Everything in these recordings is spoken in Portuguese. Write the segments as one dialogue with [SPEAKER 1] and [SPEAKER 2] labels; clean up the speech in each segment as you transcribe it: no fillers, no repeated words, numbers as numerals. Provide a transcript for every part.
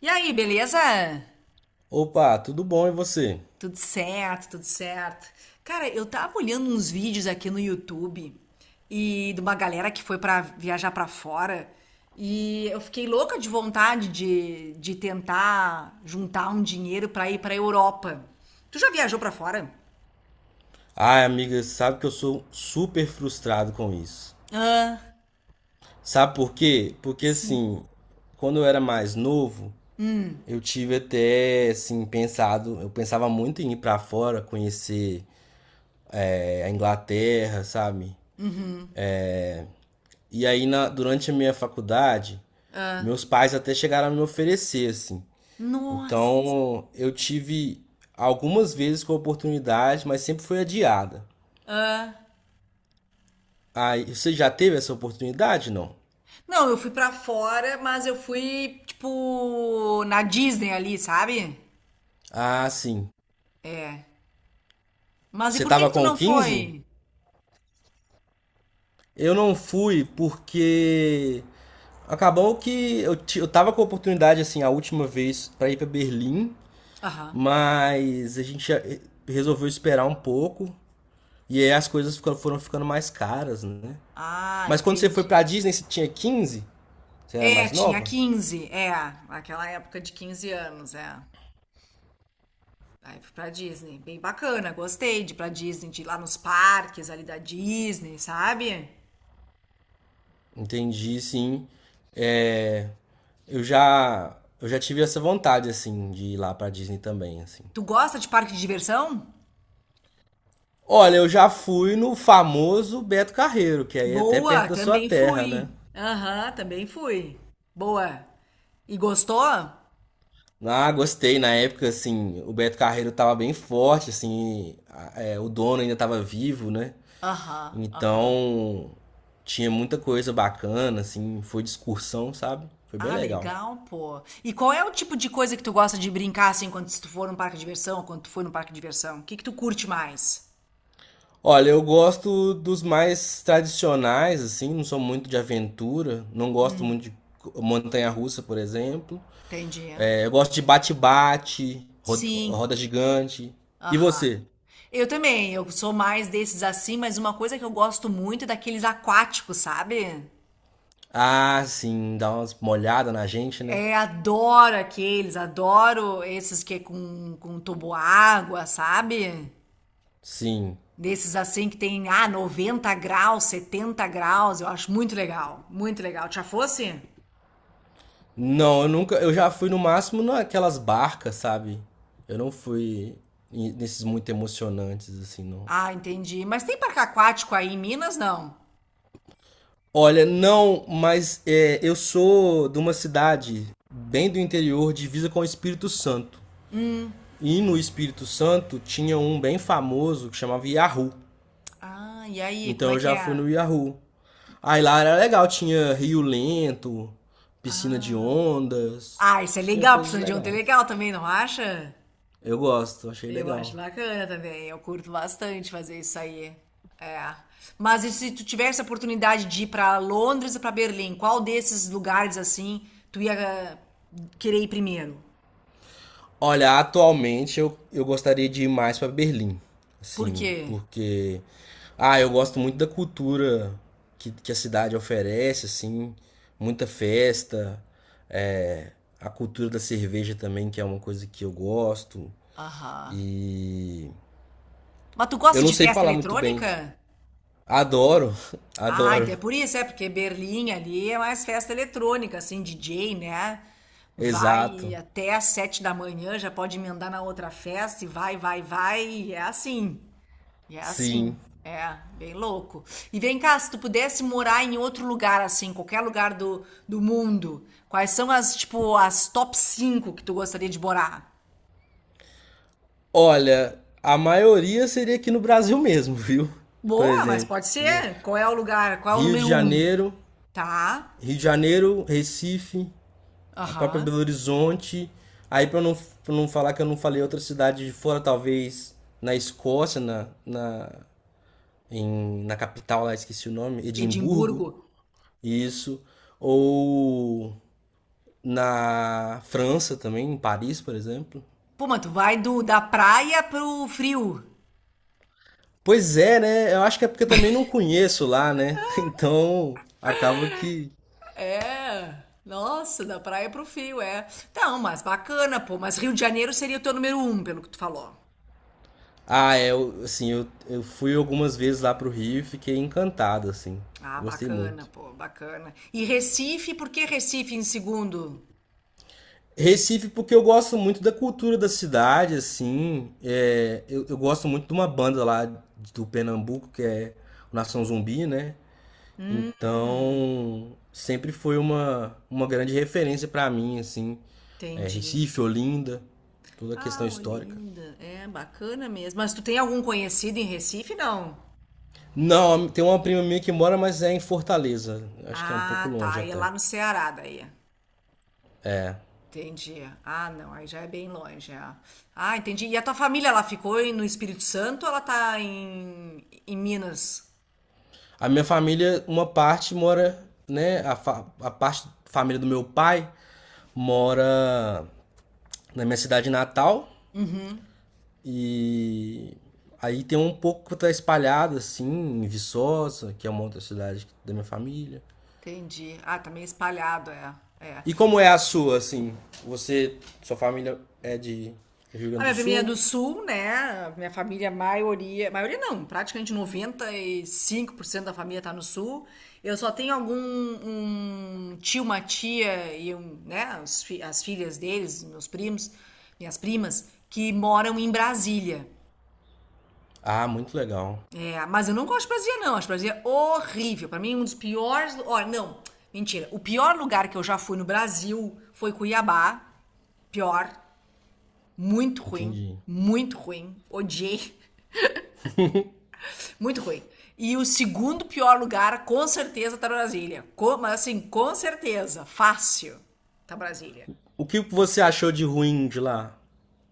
[SPEAKER 1] E aí, beleza?
[SPEAKER 2] Opa, tudo bom e você?
[SPEAKER 1] Tudo certo, tudo certo. Cara, eu tava olhando uns vídeos aqui no YouTube e de uma galera que foi pra viajar pra fora e eu fiquei louca de vontade de tentar juntar um dinheiro pra ir pra Europa. Tu já viajou pra fora?
[SPEAKER 2] Ai, amiga, sabe que eu sou super frustrado com isso.
[SPEAKER 1] Ah.
[SPEAKER 2] Sabe por quê? Porque
[SPEAKER 1] Sim.
[SPEAKER 2] assim, quando eu era mais novo, eu tive até assim pensado, eu pensava muito em ir pra fora, conhecer a Inglaterra, sabe? E aí durante a minha faculdade,
[SPEAKER 1] ah,
[SPEAKER 2] meus pais até chegaram a me oferecer assim.
[SPEAKER 1] Nossa.
[SPEAKER 2] Então, eu tive algumas vezes com a oportunidade, mas sempre foi adiada.
[SPEAKER 1] Ah.
[SPEAKER 2] Aí, você já teve essa oportunidade, não?
[SPEAKER 1] Não, eu fui pra fora, mas eu fui tipo na Disney ali, sabe?
[SPEAKER 2] Ah, sim.
[SPEAKER 1] É. Mas e
[SPEAKER 2] Você
[SPEAKER 1] por que
[SPEAKER 2] tava
[SPEAKER 1] que tu
[SPEAKER 2] com
[SPEAKER 1] não
[SPEAKER 2] 15?
[SPEAKER 1] foi?
[SPEAKER 2] Eu não fui porque acabou que eu, ti- eu tava com a oportunidade, assim, a última vez pra ir pra Berlim,
[SPEAKER 1] Aham.
[SPEAKER 2] mas a gente já- eh, resolveu esperar um pouco e aí as coisas foram ficando mais caras, né?
[SPEAKER 1] Ah,
[SPEAKER 2] Mas quando você foi pra
[SPEAKER 1] entendi.
[SPEAKER 2] Disney, você tinha 15? Você era
[SPEAKER 1] É,
[SPEAKER 2] mais
[SPEAKER 1] tinha
[SPEAKER 2] nova?
[SPEAKER 1] 15 é, aquela época de 15 anos, é. Aí fui pra Disney, bem bacana, gostei de ir pra Disney, de ir lá nos parques ali da Disney, sabe?
[SPEAKER 2] Entendi, sim. É, eu já tive essa vontade, assim, de ir lá pra Disney também, assim.
[SPEAKER 1] Tu gosta de parque de diversão?
[SPEAKER 2] Olha, eu já fui no famoso Beto Carreiro, que aí é até
[SPEAKER 1] Boa,
[SPEAKER 2] perto da sua
[SPEAKER 1] também
[SPEAKER 2] terra, né?
[SPEAKER 1] fui. Aham, também fui. Boa. E gostou?
[SPEAKER 2] Ah, gostei. Na época, assim, o Beto Carreiro tava bem forte, assim, o dono ainda tava vivo, né?
[SPEAKER 1] Aham, aham.
[SPEAKER 2] Então, tinha muita coisa bacana, assim, foi de excursão, sabe? Foi bem
[SPEAKER 1] Ah,
[SPEAKER 2] legal.
[SPEAKER 1] legal, pô. E qual é o tipo de coisa que tu gosta de brincar assim quando se tu for num parque de diversão, quando tu foi num parque de diversão? O que que tu curte mais?
[SPEAKER 2] Olha, eu gosto dos mais tradicionais, assim, não sou muito de aventura, não gosto muito de montanha-russa, por exemplo.
[SPEAKER 1] Entendi.
[SPEAKER 2] É, eu gosto de bate-bate, roda,
[SPEAKER 1] Sim.
[SPEAKER 2] roda gigante. E
[SPEAKER 1] Aham.
[SPEAKER 2] você?
[SPEAKER 1] Eu também, eu sou mais desses assim, mas uma coisa que eu gosto muito é daqueles aquáticos, sabe?
[SPEAKER 2] Ah, sim, dá umas molhadas na gente, né?
[SPEAKER 1] É, adoro aqueles, adoro esses que é com água, sabe?
[SPEAKER 2] Sim.
[SPEAKER 1] Desses assim que tem, 90 graus, 70 graus, eu acho muito legal, muito legal. Já fosse?
[SPEAKER 2] Não, eu nunca. Eu já fui no máximo naquelas barcas, sabe? Eu não fui nesses muito emocionantes, assim, não.
[SPEAKER 1] Ah, entendi. Mas tem parque aquático aí em Minas, não?
[SPEAKER 2] Olha, não, mas é, eu sou de uma cidade bem do interior, divisa com o Espírito Santo. E no Espírito Santo tinha um bem famoso que chamava Yahoo.
[SPEAKER 1] Ah, e aí, como
[SPEAKER 2] Então
[SPEAKER 1] é
[SPEAKER 2] eu
[SPEAKER 1] que
[SPEAKER 2] já fui
[SPEAKER 1] é?
[SPEAKER 2] no Yahoo. Aí lá era legal, tinha rio lento, piscina de
[SPEAKER 1] Ah,
[SPEAKER 2] ondas,
[SPEAKER 1] ah, isso é
[SPEAKER 2] tinha
[SPEAKER 1] legal,
[SPEAKER 2] coisas
[SPEAKER 1] precisando de um ter
[SPEAKER 2] legais.
[SPEAKER 1] legal também, não acha?
[SPEAKER 2] Eu gosto, achei
[SPEAKER 1] Eu acho
[SPEAKER 2] legal.
[SPEAKER 1] bacana também, eu curto bastante fazer isso aí. É. Mas e se tu tivesse a oportunidade de ir para Londres e para Berlim, qual desses lugares assim tu ia querer ir primeiro?
[SPEAKER 2] Olha, atualmente eu gostaria de ir mais pra Berlim,
[SPEAKER 1] Por
[SPEAKER 2] assim,
[SPEAKER 1] quê?
[SPEAKER 2] porque ah, eu gosto muito da cultura que a cidade oferece, assim, muita festa, é, a cultura da cerveja também, que é uma coisa que eu gosto.
[SPEAKER 1] Aham.
[SPEAKER 2] E
[SPEAKER 1] Mas tu
[SPEAKER 2] eu
[SPEAKER 1] gosta
[SPEAKER 2] não
[SPEAKER 1] de
[SPEAKER 2] sei
[SPEAKER 1] festa
[SPEAKER 2] falar muito bem.
[SPEAKER 1] eletrônica?
[SPEAKER 2] Adoro,
[SPEAKER 1] Ah,
[SPEAKER 2] adoro.
[SPEAKER 1] então é por isso, é porque Berlim ali é mais festa eletrônica, assim, DJ, né? Vai
[SPEAKER 2] Exato.
[SPEAKER 1] até às 7 da manhã, já pode emendar na outra festa e vai, vai, vai, e é assim. E é assim,
[SPEAKER 2] Sim.
[SPEAKER 1] é, bem louco. E vem cá, se tu pudesse morar em outro lugar, assim, qualquer lugar do mundo, quais são as, tipo, as top 5 que tu gostaria de morar?
[SPEAKER 2] Olha, a maioria seria aqui no Brasil mesmo, viu? Por
[SPEAKER 1] Boa, mas
[SPEAKER 2] exemplo,
[SPEAKER 1] pode ser. Qual é o lugar? Qual é o
[SPEAKER 2] Rio de
[SPEAKER 1] número um?
[SPEAKER 2] Janeiro,
[SPEAKER 1] Tá.
[SPEAKER 2] Rio de Janeiro, Recife, a própria Belo
[SPEAKER 1] Aham.
[SPEAKER 2] Horizonte. Aí para não, pra não falar que eu não falei outra cidade de fora, talvez na Escócia, na capital lá, esqueci o nome, Edimburgo,
[SPEAKER 1] Edimburgo.
[SPEAKER 2] isso. Ou na França também, em Paris, por exemplo.
[SPEAKER 1] Pô, mas tu vai do, da praia pro frio.
[SPEAKER 2] Pois é, né? Eu acho que é porque eu também não conheço lá, né? Então acaba que.
[SPEAKER 1] É. Nossa, da praia pro frio, é. Não, mas bacana, pô. Mas Rio de Janeiro seria o teu número um pelo que tu falou.
[SPEAKER 2] Ah, é, eu fui algumas vezes lá pro Rio e fiquei encantado, assim.
[SPEAKER 1] Ah,
[SPEAKER 2] Gostei
[SPEAKER 1] bacana,
[SPEAKER 2] muito.
[SPEAKER 1] pô, bacana. E Recife, por que Recife em segundo?
[SPEAKER 2] Recife, porque eu gosto muito da cultura da cidade, assim. É, eu gosto muito de uma banda lá do Pernambuco, que é o Nação Zumbi, né?
[SPEAKER 1] Hum,
[SPEAKER 2] Então, sempre foi uma grande referência pra mim, assim. É,
[SPEAKER 1] entendi.
[SPEAKER 2] Recife, Olinda, toda a questão
[SPEAKER 1] Ah,
[SPEAKER 2] histórica.
[SPEAKER 1] Olinda, é bacana mesmo. Mas tu tem algum conhecido em Recife, não?
[SPEAKER 2] Não, tem uma prima minha que mora, mas é em Fortaleza. Acho que é um pouco
[SPEAKER 1] Ah,
[SPEAKER 2] longe
[SPEAKER 1] tá, e é
[SPEAKER 2] até.
[SPEAKER 1] lá no Ceará daí. Entendi. Ah, não, aí já é bem longe, é. Ah, entendi. E a tua família, ela ficou no Espírito Santo ou ela tá em Minas?
[SPEAKER 2] A minha família, uma parte mora, né? A parte família do meu pai mora na minha cidade natal e aí tem um pouco que tá espalhado assim em Viçosa, que é uma outra cidade da minha família.
[SPEAKER 1] Entendi. Ah, tá meio espalhado, é. É.
[SPEAKER 2] E como é a sua, assim? Você, sua família é de do Rio
[SPEAKER 1] A
[SPEAKER 2] Grande do
[SPEAKER 1] minha família é
[SPEAKER 2] Sul?
[SPEAKER 1] do sul, né? Minha família, a maioria, maioria não, praticamente 95% da família tá no sul. Eu só tenho algum um tio, uma tia e um, né, as filhas deles, meus primos, minhas primas, que moram em Brasília.
[SPEAKER 2] Ah, muito legal.
[SPEAKER 1] É, mas eu não gosto de Brasília, não. Acho Brasília horrível. Pra mim, um dos piores. Ó, não, mentira. O pior lugar que eu já fui no Brasil foi Cuiabá. Pior, muito ruim,
[SPEAKER 2] Entendi.
[SPEAKER 1] muito ruim. Odiei. Muito ruim. E o segundo pior lugar, com certeza, tá Brasília. Mas assim, com certeza. Fácil. Tá Brasília.
[SPEAKER 2] O que você achou de ruim de lá?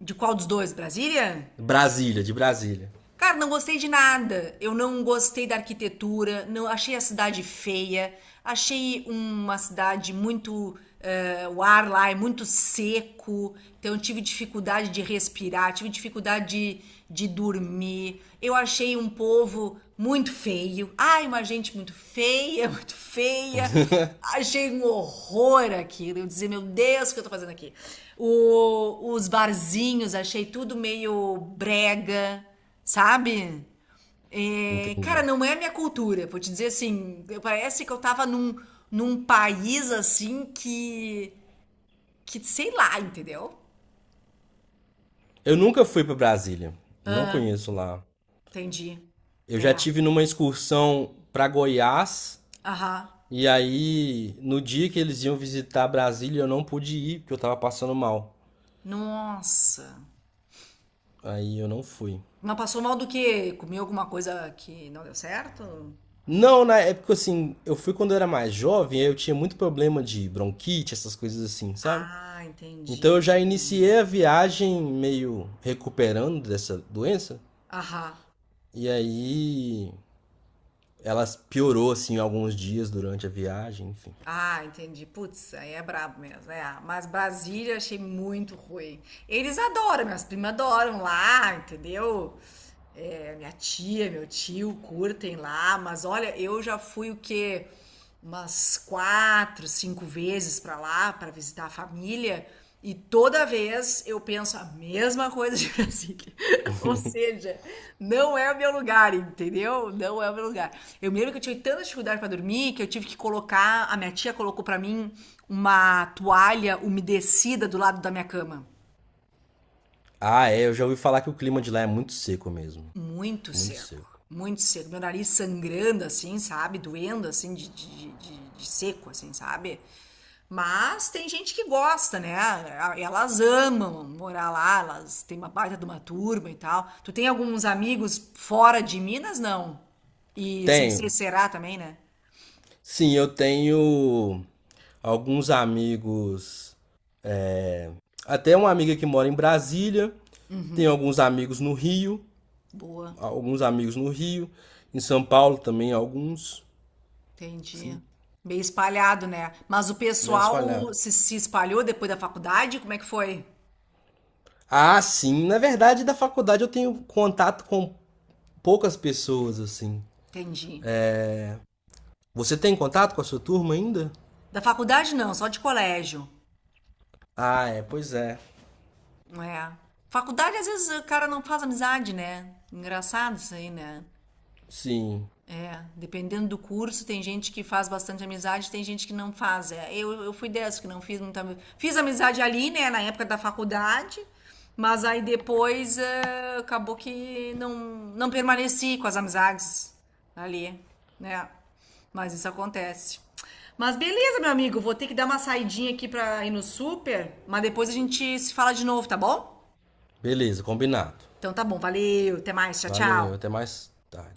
[SPEAKER 1] De qual dos dois? Brasília?
[SPEAKER 2] Brasília, de Brasília.
[SPEAKER 1] Cara, não gostei de nada. Eu não gostei da arquitetura, não achei a cidade feia, achei uma cidade muito o ar lá é muito seco, então eu tive dificuldade de respirar, tive dificuldade de dormir. Eu achei um povo muito feio. Ai, uma gente muito feia, muito feia. Achei um horror aquilo. Eu dizia, meu Deus, o que eu tô fazendo aqui? Os barzinhos, achei tudo meio brega. Sabe? É, cara,
[SPEAKER 2] Entendi.
[SPEAKER 1] não é a minha cultura. Vou te dizer assim, parece que eu tava num país assim que sei lá, entendeu?
[SPEAKER 2] Eu nunca fui para Brasília. Não
[SPEAKER 1] Ah,
[SPEAKER 2] conheço lá.
[SPEAKER 1] entendi.
[SPEAKER 2] Eu já
[SPEAKER 1] É.
[SPEAKER 2] tive numa excursão para Goiás
[SPEAKER 1] Aham.
[SPEAKER 2] e aí no dia que eles iam visitar Brasília eu não pude ir porque eu tava passando mal.
[SPEAKER 1] Nossa.
[SPEAKER 2] Aí eu não fui.
[SPEAKER 1] Mas passou mal do quê? Comeu alguma coisa que não deu certo?
[SPEAKER 2] Não, na época assim, eu fui quando eu era mais jovem, aí eu tinha muito problema de bronquite, essas coisas assim, sabe?
[SPEAKER 1] Ah,
[SPEAKER 2] Então
[SPEAKER 1] entendi.
[SPEAKER 2] eu já iniciei a viagem meio recuperando dessa doença.
[SPEAKER 1] Aham.
[SPEAKER 2] E aí ela piorou, assim, alguns dias durante a viagem, enfim.
[SPEAKER 1] Ah, entendi. Putz, aí é brabo mesmo. É. Mas Brasília achei muito ruim. Eles adoram, minhas primas adoram lá, entendeu? É, minha tia, meu tio curtem lá, mas olha, eu já fui o quê? Umas quatro, cinco vezes pra lá, pra visitar a família, e toda vez eu penso a mesma coisa de Brasília. Ou seja, não é o meu lugar, entendeu? Não é o meu lugar. Eu me lembro que eu tive tanta dificuldade pra dormir que eu tive que colocar, a minha tia colocou pra mim uma toalha umedecida do lado da minha cama.
[SPEAKER 2] Ah, é, eu já ouvi falar que o clima de lá é muito seco mesmo.
[SPEAKER 1] Muito
[SPEAKER 2] Muito
[SPEAKER 1] seco,
[SPEAKER 2] seco.
[SPEAKER 1] muito seco. Meu nariz sangrando, assim, sabe? Doendo, assim, de seco, assim, sabe? Mas tem gente que gosta, né? Elas amam morar lá, elas têm uma baita de uma turma e tal. Tu tem alguns amigos fora de Minas, não? E sem ser
[SPEAKER 2] Tenho.
[SPEAKER 1] Ceará também, né?
[SPEAKER 2] Sim, eu tenho alguns amigos. Até uma amiga que mora em Brasília. Tenho alguns amigos no Rio.
[SPEAKER 1] Boa,
[SPEAKER 2] Alguns amigos no Rio. Em São Paulo também, alguns.
[SPEAKER 1] entendi.
[SPEAKER 2] Sim,
[SPEAKER 1] Bem espalhado, né? Mas o
[SPEAKER 2] bem
[SPEAKER 1] pessoal
[SPEAKER 2] espalhado.
[SPEAKER 1] se espalhou depois da faculdade? Como é que foi?
[SPEAKER 2] Ah, sim. Na verdade, da faculdade eu tenho contato com poucas pessoas, assim.
[SPEAKER 1] Entendi.
[SPEAKER 2] Você tem contato com a sua turma ainda?
[SPEAKER 1] Da faculdade não, só de colégio.
[SPEAKER 2] Ah, é, pois é.
[SPEAKER 1] É. Faculdade, às vezes, o cara não faz amizade, né? Engraçado isso aí, né?
[SPEAKER 2] Sim.
[SPEAKER 1] É, dependendo do curso, tem gente que faz bastante amizade, tem gente que não faz. É, eu fui dessa que não fiz muita. Fiz amizade ali, né, na época da faculdade, mas aí depois é, acabou que não permaneci com as amizades ali, né? Mas isso acontece. Mas beleza, meu amigo, vou ter que dar uma saidinha aqui pra ir no super, mas depois a gente se fala de novo, tá bom?
[SPEAKER 2] Beleza, combinado.
[SPEAKER 1] Então tá bom, valeu, até mais, tchau,
[SPEAKER 2] Valeu,
[SPEAKER 1] tchau.
[SPEAKER 2] até mais tarde.